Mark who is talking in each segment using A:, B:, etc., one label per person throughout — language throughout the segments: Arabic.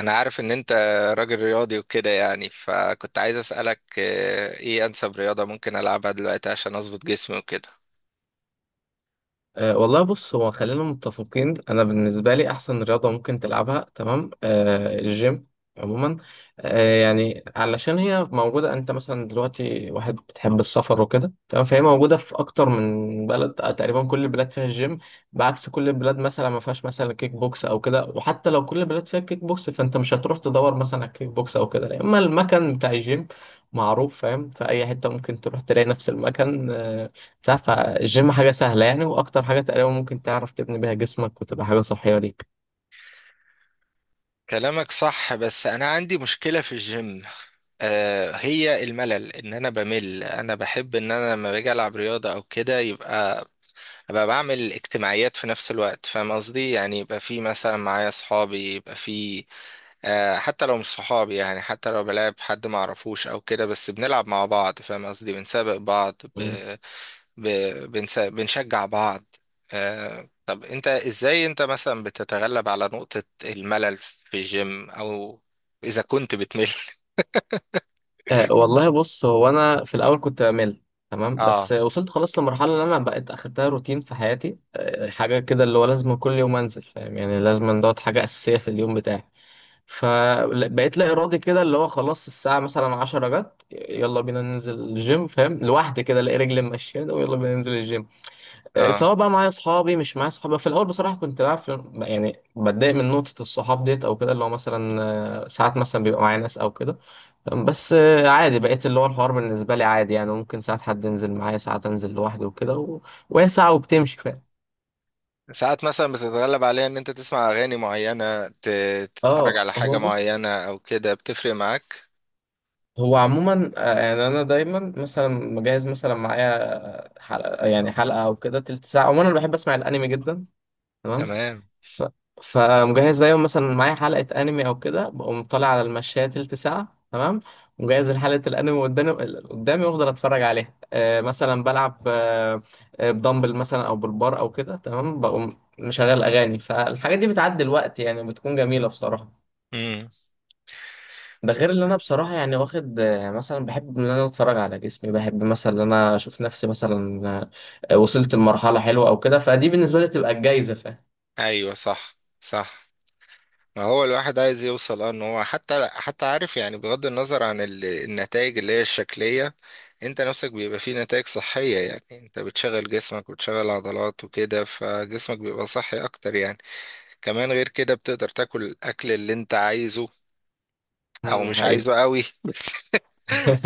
A: انا عارف ان انت راجل رياضي وكده يعني فكنت عايز اسالك ايه انسب رياضه ممكن العبها دلوقتي عشان اظبط جسمي وكده.
B: والله، بص هو خلينا متفقين. انا بالنسبه لي احسن رياضه ممكن تلعبها، تمام، الجيم عموما. يعني علشان هي موجوده، انت مثلا دلوقتي واحد بتحب السفر وكده، تمام، فهي موجوده في اكتر من بلد، تقريبا كل البلاد فيها الجيم. بعكس كل البلاد مثلا ما فيهاش مثلا كيك بوكس او كده. وحتى لو كل البلاد فيها كيك بوكس، فانت مش هتروح تدور مثلا على كيك بوكس او كده، لا، اما المكان بتاع الجيم معروف، فاهم؟ في اي حته ممكن تروح تلاقي نفس المكان بتاع فالجيم حاجة سهلة يعني. وأكتر حاجة تقريبا ممكن تعرف تبني بيها جسمك وتبقى حاجة صحية ليك.
A: كلامك صح بس انا عندي مشكله في الجيم هي الملل، ان انا بمل. انا بحب ان انا لما باجي العب رياضه او كده يبقى ابقى بعمل اجتماعيات في نفس الوقت، فاهم قصدي؟ يعني يبقى في مثلا معايا صحابي، يبقى في حتى لو مش صحابي، يعني حتى لو بلعب حد ما اعرفوش او كده بس بنلعب مع بعض، فاهم قصدي؟ بنسابق بعض
B: مم.
A: بنشجع بعض. طب انت ازاي انت مثلا بتتغلب على نقطة الملل في الجيم، او اذا كنت بتمل؟
B: والله، بص هو أنا في الأول كنت بمل، تمام،
A: اه،
B: بس وصلت خلاص لمرحلة اللي أنا بقيت أخدتها روتين في حياتي، حاجة كده اللي هو لازم كل يوم أنزل، فاهم يعني. لازم دوت حاجة أساسية في اليوم بتاعي. فبقيت لا إرادي كده اللي هو خلاص، الساعة مثلا 10 جت، يلا بينا ننزل الجيم، فاهم؟ لوحدي كده الاقي رجلي ماشية ويلا بينا ننزل الجيم.
A: اه.
B: سواء بقى معايا اصحابي مش معايا اصحابي، في الاول بصراحه كنت بقى في يعني بتضايق من نقطه الصحاب ديت او كده اللي هو مثلا، ساعات مثلا بيبقى معايا ناس او كده. بس عادي، بقيت اللي هو الحوار بالنسبه لي عادي يعني، ممكن ساعات حد ينزل معايا، ساعات انزل لوحدي وكده و... وهي ساعه وبتمشي، فاهم.
A: ساعات مثلا بتتغلب عليها ان انت تسمع اغاني معينة، تتفرج
B: اه
A: على حاجة
B: هو بص،
A: معينة او كده؟ بتفرق معاك؟
B: هو عموما يعني انا دايما مثلا مجهز مثلا معايا حلقه يعني حلقه او كده تلت ساعه. عموما انا بحب اسمع الانمي جدا، تمام.
A: تمام.
B: ف... فمجهز دايما مثلا معايا حلقة أنمي أو كده، بقوم طالع على المشاية تلت ساعة، تمام، ومجهز حلقة الأنمي قدامي قدامي وأفضل أتفرج عليها. مثلا بلعب، بدمبل مثلا أو بالبار أو كده، تمام، بقوم مشغل أغاني. فالحاجات دي بتعدي الوقت يعني، بتكون جميلة بصراحة.
A: امم.
B: ده غير اللي انا بصراحه يعني واخد، مثلا بحب ان انا اتفرج على جسمي، بحب مثلا ان انا اشوف نفسي مثلا، وصلت لمرحله حلوه او كده، فدي بالنسبه لي تبقى الجايزه، فاهم.
A: ايوه صح، صح. هو الواحد عايز يوصل، اه، ان هو حتى عارف يعني، بغض النظر عن النتائج اللي هي الشكلية، انت نفسك بيبقى فيه نتائج صحية. يعني انت بتشغل جسمك وتشغل عضلات وكده، فجسمك بيبقى صحي اكتر يعني. كمان غير كده بتقدر تاكل الاكل اللي انت عايزه او
B: مم، دي
A: مش
B: حقيقة.
A: عايزه قوي. بس،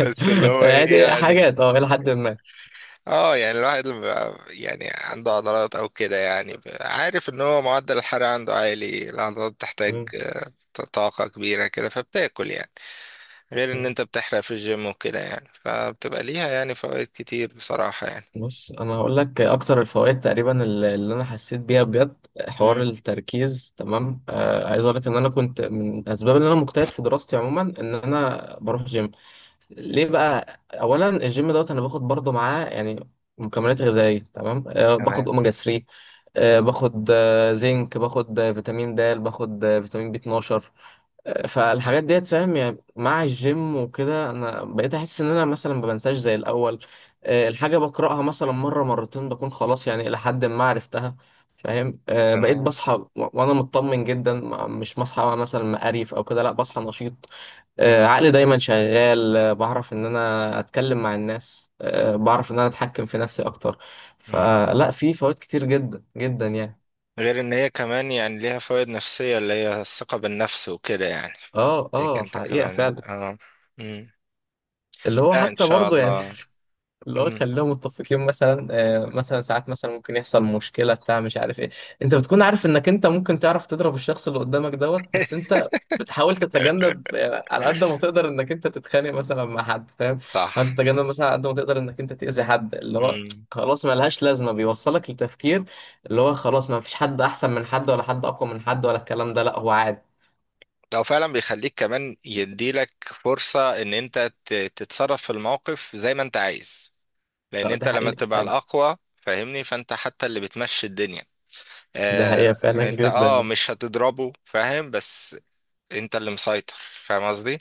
A: بس اللي هو ايه
B: يعني
A: يعني.
B: حاجات إلى حد ما.
A: اه، يعني الواحد لما بيبقى يعني عنده عضلات او كده، يعني بيبقى عارف ان هو معدل الحرق عنده عالي. العضلات بتحتاج
B: مم.
A: طاقة كبيرة كده، فبتاكل يعني غير ان
B: مم.
A: انت بتحرق في الجيم وكده، يعني فبتبقى ليها يعني فوائد كتير بصراحة يعني.
B: بص، أنا هقول لك أكتر الفوائد تقريبا اللي أنا حسيت بيها بجد، حوار
A: مم.
B: التركيز، تمام. عايز أقول لك إن أنا كنت من الأسباب اللي أنا مجتهد في دراستي عموما إن أنا بروح جيم. ليه بقى؟ أولا الجيم دوت، أنا باخد برضه معاه يعني مكملات غذائية، تمام. باخد
A: تمام،
B: أوميجا 3، باخد زنك، باخد فيتامين د، باخد فيتامين بي 12. فالحاجات ديت فاهم يعني، مع الجيم وكده انا بقيت احس ان انا مثلا ما بنساش زي الاول. الحاجه بقراها مثلا مره مرتين بكون خلاص، يعني الى حد ما عرفتها، فاهم. بقيت
A: تمام.
B: بصحى و- وانا مطمن جدا، مش بصحى مثلا مقريف او كده، لا، بصحى نشيط.
A: مم.
B: عقلي دايما شغال، بعرف ان انا اتكلم مع الناس، بعرف ان انا اتحكم في نفسي اكتر.
A: مم.
B: فلا، في فوائد كتير جدا جدا يعني.
A: غير ان هي كمان يعني ليها فوائد نفسية، اللي هي الثقة بالنفس وكده، يعني
B: اه
A: ليك
B: اه،
A: انت
B: حقيقه
A: كمان.
B: فعلا
A: اه. مم.
B: اللي هو
A: لا ان
B: حتى
A: شاء
B: برضه يعني.
A: الله.
B: اللي هو
A: مم.
B: خليهم متفقين مثلا، مثلا ساعات مثلا ممكن يحصل مشكلة بتاع مش عارف ايه. انت بتكون عارف انك انت ممكن تعرف تضرب الشخص اللي قدامك دوت، بس انت بتحاول تتجنب، على قد ما تقدر انك انت تتخانق مثلا مع حد، فاهم.
A: صح.
B: حاول تتجنب مثلا على قد ما تقدر انك انت تأذي حد، اللي هو
A: مم.
B: خلاص ملهاش لازمة. بيوصلك لتفكير اللي هو خلاص، ما فيش حد احسن من حد، ولا حد اقوى من حد، ولا الكلام ده، لا، هو عادي.
A: لو فعلا بيخليك كمان يديلك فرصة ان انت تتصرف في الموقف زي ما انت عايز. لان
B: لا، ده
A: انت لما
B: حقيقة
A: تبقى
B: فعلا.
A: الاقوى فاهمني، فانت حتى اللي بتمشي الدنيا.
B: ده حقيقة فعلا
A: آه، انت اه
B: جدا.
A: مش هتضربه، فاهم؟ بس انت اللي مسيطر، فاهم قصدي؟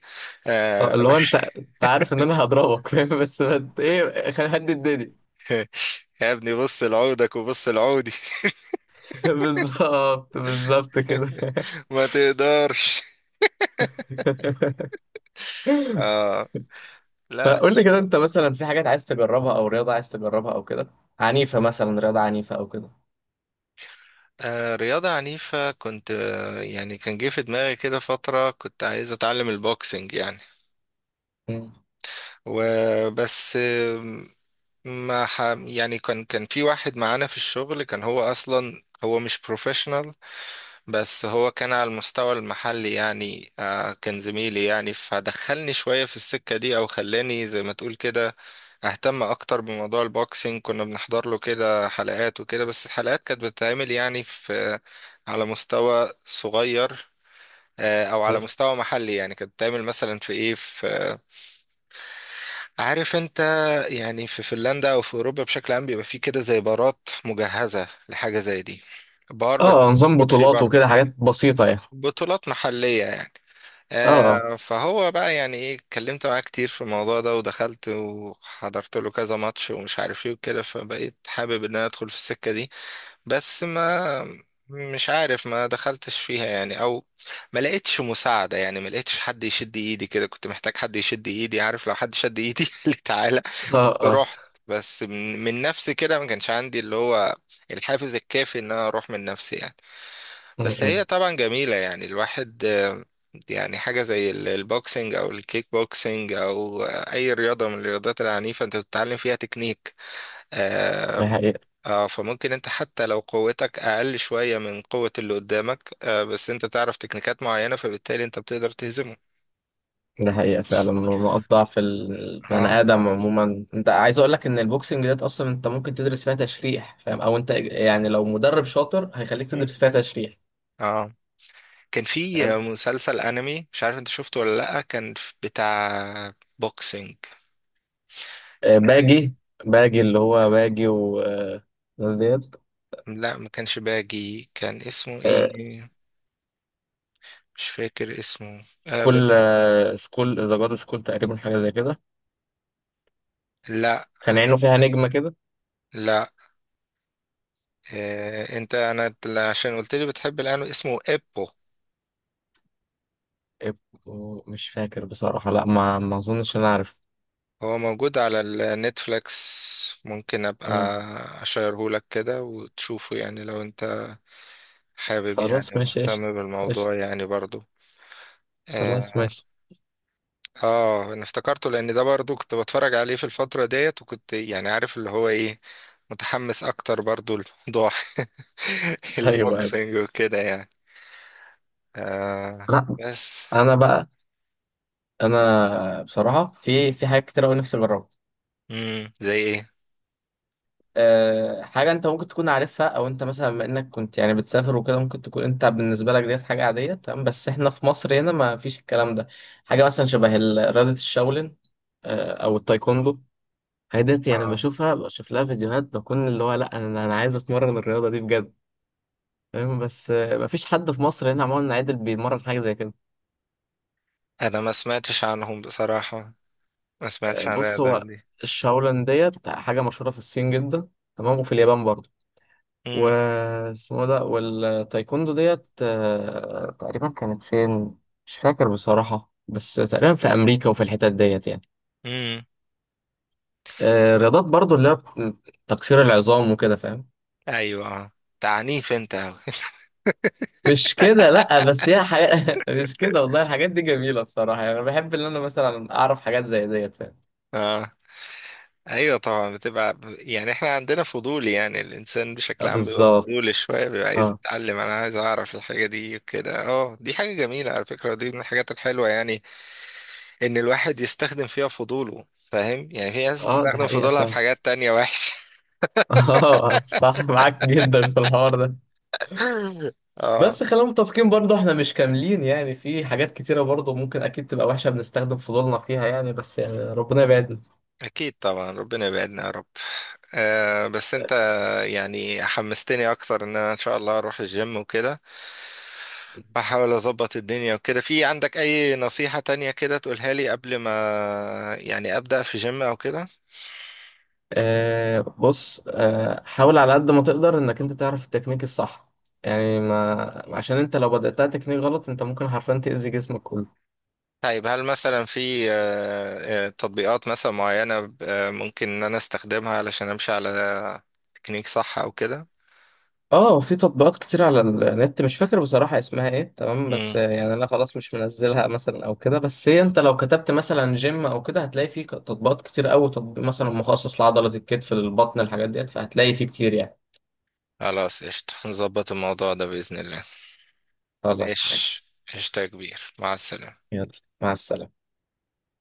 B: اه،
A: آه،
B: اللي هو انت عارف ان انا هضربك، فاهم، بس انت ايه؟ خلي حد يداني!
A: يا ابني بص لعودك وبص لعودي.
B: بالظبط بالظبط كده.
A: ما تقدرش. اه. لا ان
B: فقول لي كده،
A: شاء
B: انت
A: الله.
B: مثلا في حاجات عايز تجربها او رياضة عايز تجربها او كده؟ عنيفة مثلا، رياضة عنيفة او كده.
A: رياضة عنيفة كنت يعني كان جه في دماغي كده فترة، كنت عايز اتعلم البوكسنج يعني.
B: مم.
A: وبس آه، ما ح... يعني كان في واحد معانا في الشغل، كان هو اصلا هو مش بروفيشنال بس هو كان على المستوى المحلي يعني. كان زميلي يعني، فدخلني شوية في السكة دي، أو خلاني زي ما تقول كده أهتم أكتر بموضوع البوكسينج. كنا بنحضر له كده حلقات وكده، بس الحلقات كانت بتتعمل يعني في على مستوى صغير، أو على
B: مم.
A: مستوى محلي يعني. كانت بتتعمل مثلا في إيه، في عارف أنت، يعني في فنلندا أو في أوروبا بشكل عام بيبقى فيه كده زي بارات مجهزة لحاجة زي دي. بار بس
B: اه، نظام
A: موجود فيه
B: بطولات وكده،
A: برضه
B: حاجات بسيطة يعني.
A: بطولات محلية يعني.
B: اه. اه.
A: فهو بقى يعني ايه، اتكلمت معاه كتير في الموضوع ده، ودخلت وحضرت له كذا ماتش ومش عارف ايه وكده، فبقيت حابب ان انا ادخل في السكة دي. بس ما مش عارف، ما دخلتش فيها يعني، او ما لقيتش مساعدة يعني، ما لقيتش حد يشد ايدي كده، كنت محتاج حد يشد ايدي. عارف، لو حد شد ايدي قال لي تعالى
B: اه.
A: كنت
B: اه.
A: رحت، بس من نفسي كده ما كانش عندي اللي هو الحافز الكافي ان انا اروح من نفسي يعني.
B: م-
A: بس هي
B: م.
A: طبعا جميلة يعني الواحد، يعني حاجة زي البوكسينج أو الكيك بوكسينج أو أي رياضة من الرياضات العنيفة أنت بتتعلم فيها تكنيك. آه،
B: ده حقيقة.
A: فممكن أنت حتى لو قوتك أقل شوية من قوة اللي قدامك، بس أنت تعرف تكنيكات معينة، فبالتالي أنت بتقدر تهزمه.
B: ده حقيقة فعلا. نقط ضعف البني
A: اه.
B: آدم عموما، انت عايز اقول لك ان البوكسنج ديت اصلا انت ممكن تدرس فيها تشريح، فاهم، او انت يعني لو مدرب شاطر هيخليك
A: مم.
B: تدرس فيها تشريح،
A: اه. كان في
B: فاهم.
A: مسلسل أنمي، مش عارف أنت شفته ولا لأ، كان بتاع بوكسينج. آه،
B: باجي، باجي اللي هو باجي والناس ديت.
A: لا ما كانش باجي، كان اسمه
B: آه،
A: ايه، مش فاكر اسمه. آه
B: سكول،
A: بس
B: سكول ذا جاد سكول، تقريبا حاجة زي كده،
A: لا
B: كان عينه فيها نجمة كده.
A: لا آه انت انا عشان قلت لي بتحب الانمي، اسمه ايبو.
B: مش فاكر بصراحة، لا، ما اظنش انا عارف.
A: هو موجود على النتفليكس، ممكن ابقى
B: مم.
A: اشيره لك كده وتشوفه يعني لو انت حابب
B: خلاص
A: يعني
B: ماشي، قشطة.
A: ومهتم بالموضوع
B: قشطة.
A: يعني برضو.
B: خلاص
A: اه.
B: ماشي.
A: انا افتكرته لان ده برضو كنت بتفرج عليه في الفترة ديت، وكنت يعني عارف اللي هو ايه، متحمس اكتر برضو لموضوع
B: ايوه. أيوة.
A: البوكسنج وكده يعني. آه
B: لا،
A: بس
B: انا بقى، انا بصراحه في حاجات كتير قوي نفسي اجربها.
A: امم، زي ايه؟
B: حاجه انت ممكن تكون عارفها، او انت مثلا بما انك كنت يعني بتسافر وكده، ممكن تكون انت بالنسبه لك ديت حاجه عاديه، تمام، بس احنا في مصر هنا ما فيش الكلام ده. حاجه مثلا شبه رياضه الشاولين، او التايكوندو. الحاجات ديت يعني
A: اه.
B: بشوفها، بشوف لها فيديوهات، بكون اللي هو لا، انا عايز اتمرن الرياضه دي بجد، فاهم، بس ما فيش حد في مصر هنا عموما عادل بيمرن حاجه زي كده.
A: انا ما سمعتش عنهم بصراحة، ما سمعتش عن
B: بص هو،
A: الرياضة دي.
B: الشاولين ديت حاجه مشهوره في الصين جدا، تمام، وفي اليابان برضه
A: امم.
B: واسمه ده. والتايكوندو ديت تقريبا كانت فين؟ مش فاكر بصراحة، بس تقريبا في أمريكا وفي الحتت ديت يعني.
A: امم.
B: رياضات برضو اللي هي تكسير العظام وكده، فاهم.
A: ايوه، اه. تعنيف انت أوي.
B: مش كده، لأ، بس هي حاجة مش كده والله. الحاجات دي جميلة بصراحة يعني، أنا بحب إن أنا مثلا أعرف حاجات زي ديت، فاهم.
A: اه، ايوه طبعا، بتبقى يعني احنا عندنا فضول يعني، الانسان بشكل عام بيبقى
B: بالظبط.
A: فضولي شوية، بيبقى عايز
B: اه
A: يتعلم، انا عايز اعرف الحاجة دي وكده. اه دي حاجة جميلة على فكرة، ودي من الحاجات الحلوة يعني، ان الواحد يستخدم فيها فضوله، فاهم يعني؟ في ناس
B: اه، دي
A: تستخدم
B: حقيقة
A: فضولها في
B: فعلا.
A: حاجات تانية وحشة.
B: اه صح، معاك جدا في الحوار ده.
A: اه
B: بس خلينا متفقين، برضه احنا مش كاملين يعني، في حاجات كتيرة برضه ممكن أكيد تبقى وحشة بنستخدم فضولنا فيها يعني، بس يعني ربنا يبعدنا.
A: اكيد طبعا، ربنا يبعدنا يا رب. آه بس انت يعني حمستني اكتر ان انا ان شاء الله اروح الجيم وكده، واحاول اظبط الدنيا وكده. في عندك اي نصيحة تانية كده تقولها لي قبل ما يعني ابدأ في جيم او كده؟
B: بص، حاول على قد ما تقدر إنك أنت تعرف التكنيك الصح. يعني ما عشان أنت لو بدأتها تكنيك غلط، أنت ممكن حرفيا تأذي جسمك كله.
A: طيب هل مثلا في تطبيقات مثلا معينة ممكن ان انا استخدمها علشان امشي على تكنيك صح او كده؟
B: اه، في تطبيقات كتير على النت. مش فاكر بصراحة اسمها ايه، تمام، بس
A: امم.
B: يعني انا خلاص مش منزلها مثلا او كده، بس هي انت لو كتبت مثلا جيم او كده، هتلاقي فيه تطبيقات كتير قوي، تطبيق مثلا مخصص لعضلة الكتف، للبطن، الحاجات ديت، فهتلاقي فيه كتير يعني.
A: خلاص قشطة، نظبط الموضوع ده بإذن الله.
B: خلاص
A: ماشي.
B: ماشي.
A: قشطة يا كبير، مع السلامة.
B: يلا، مع السلامة.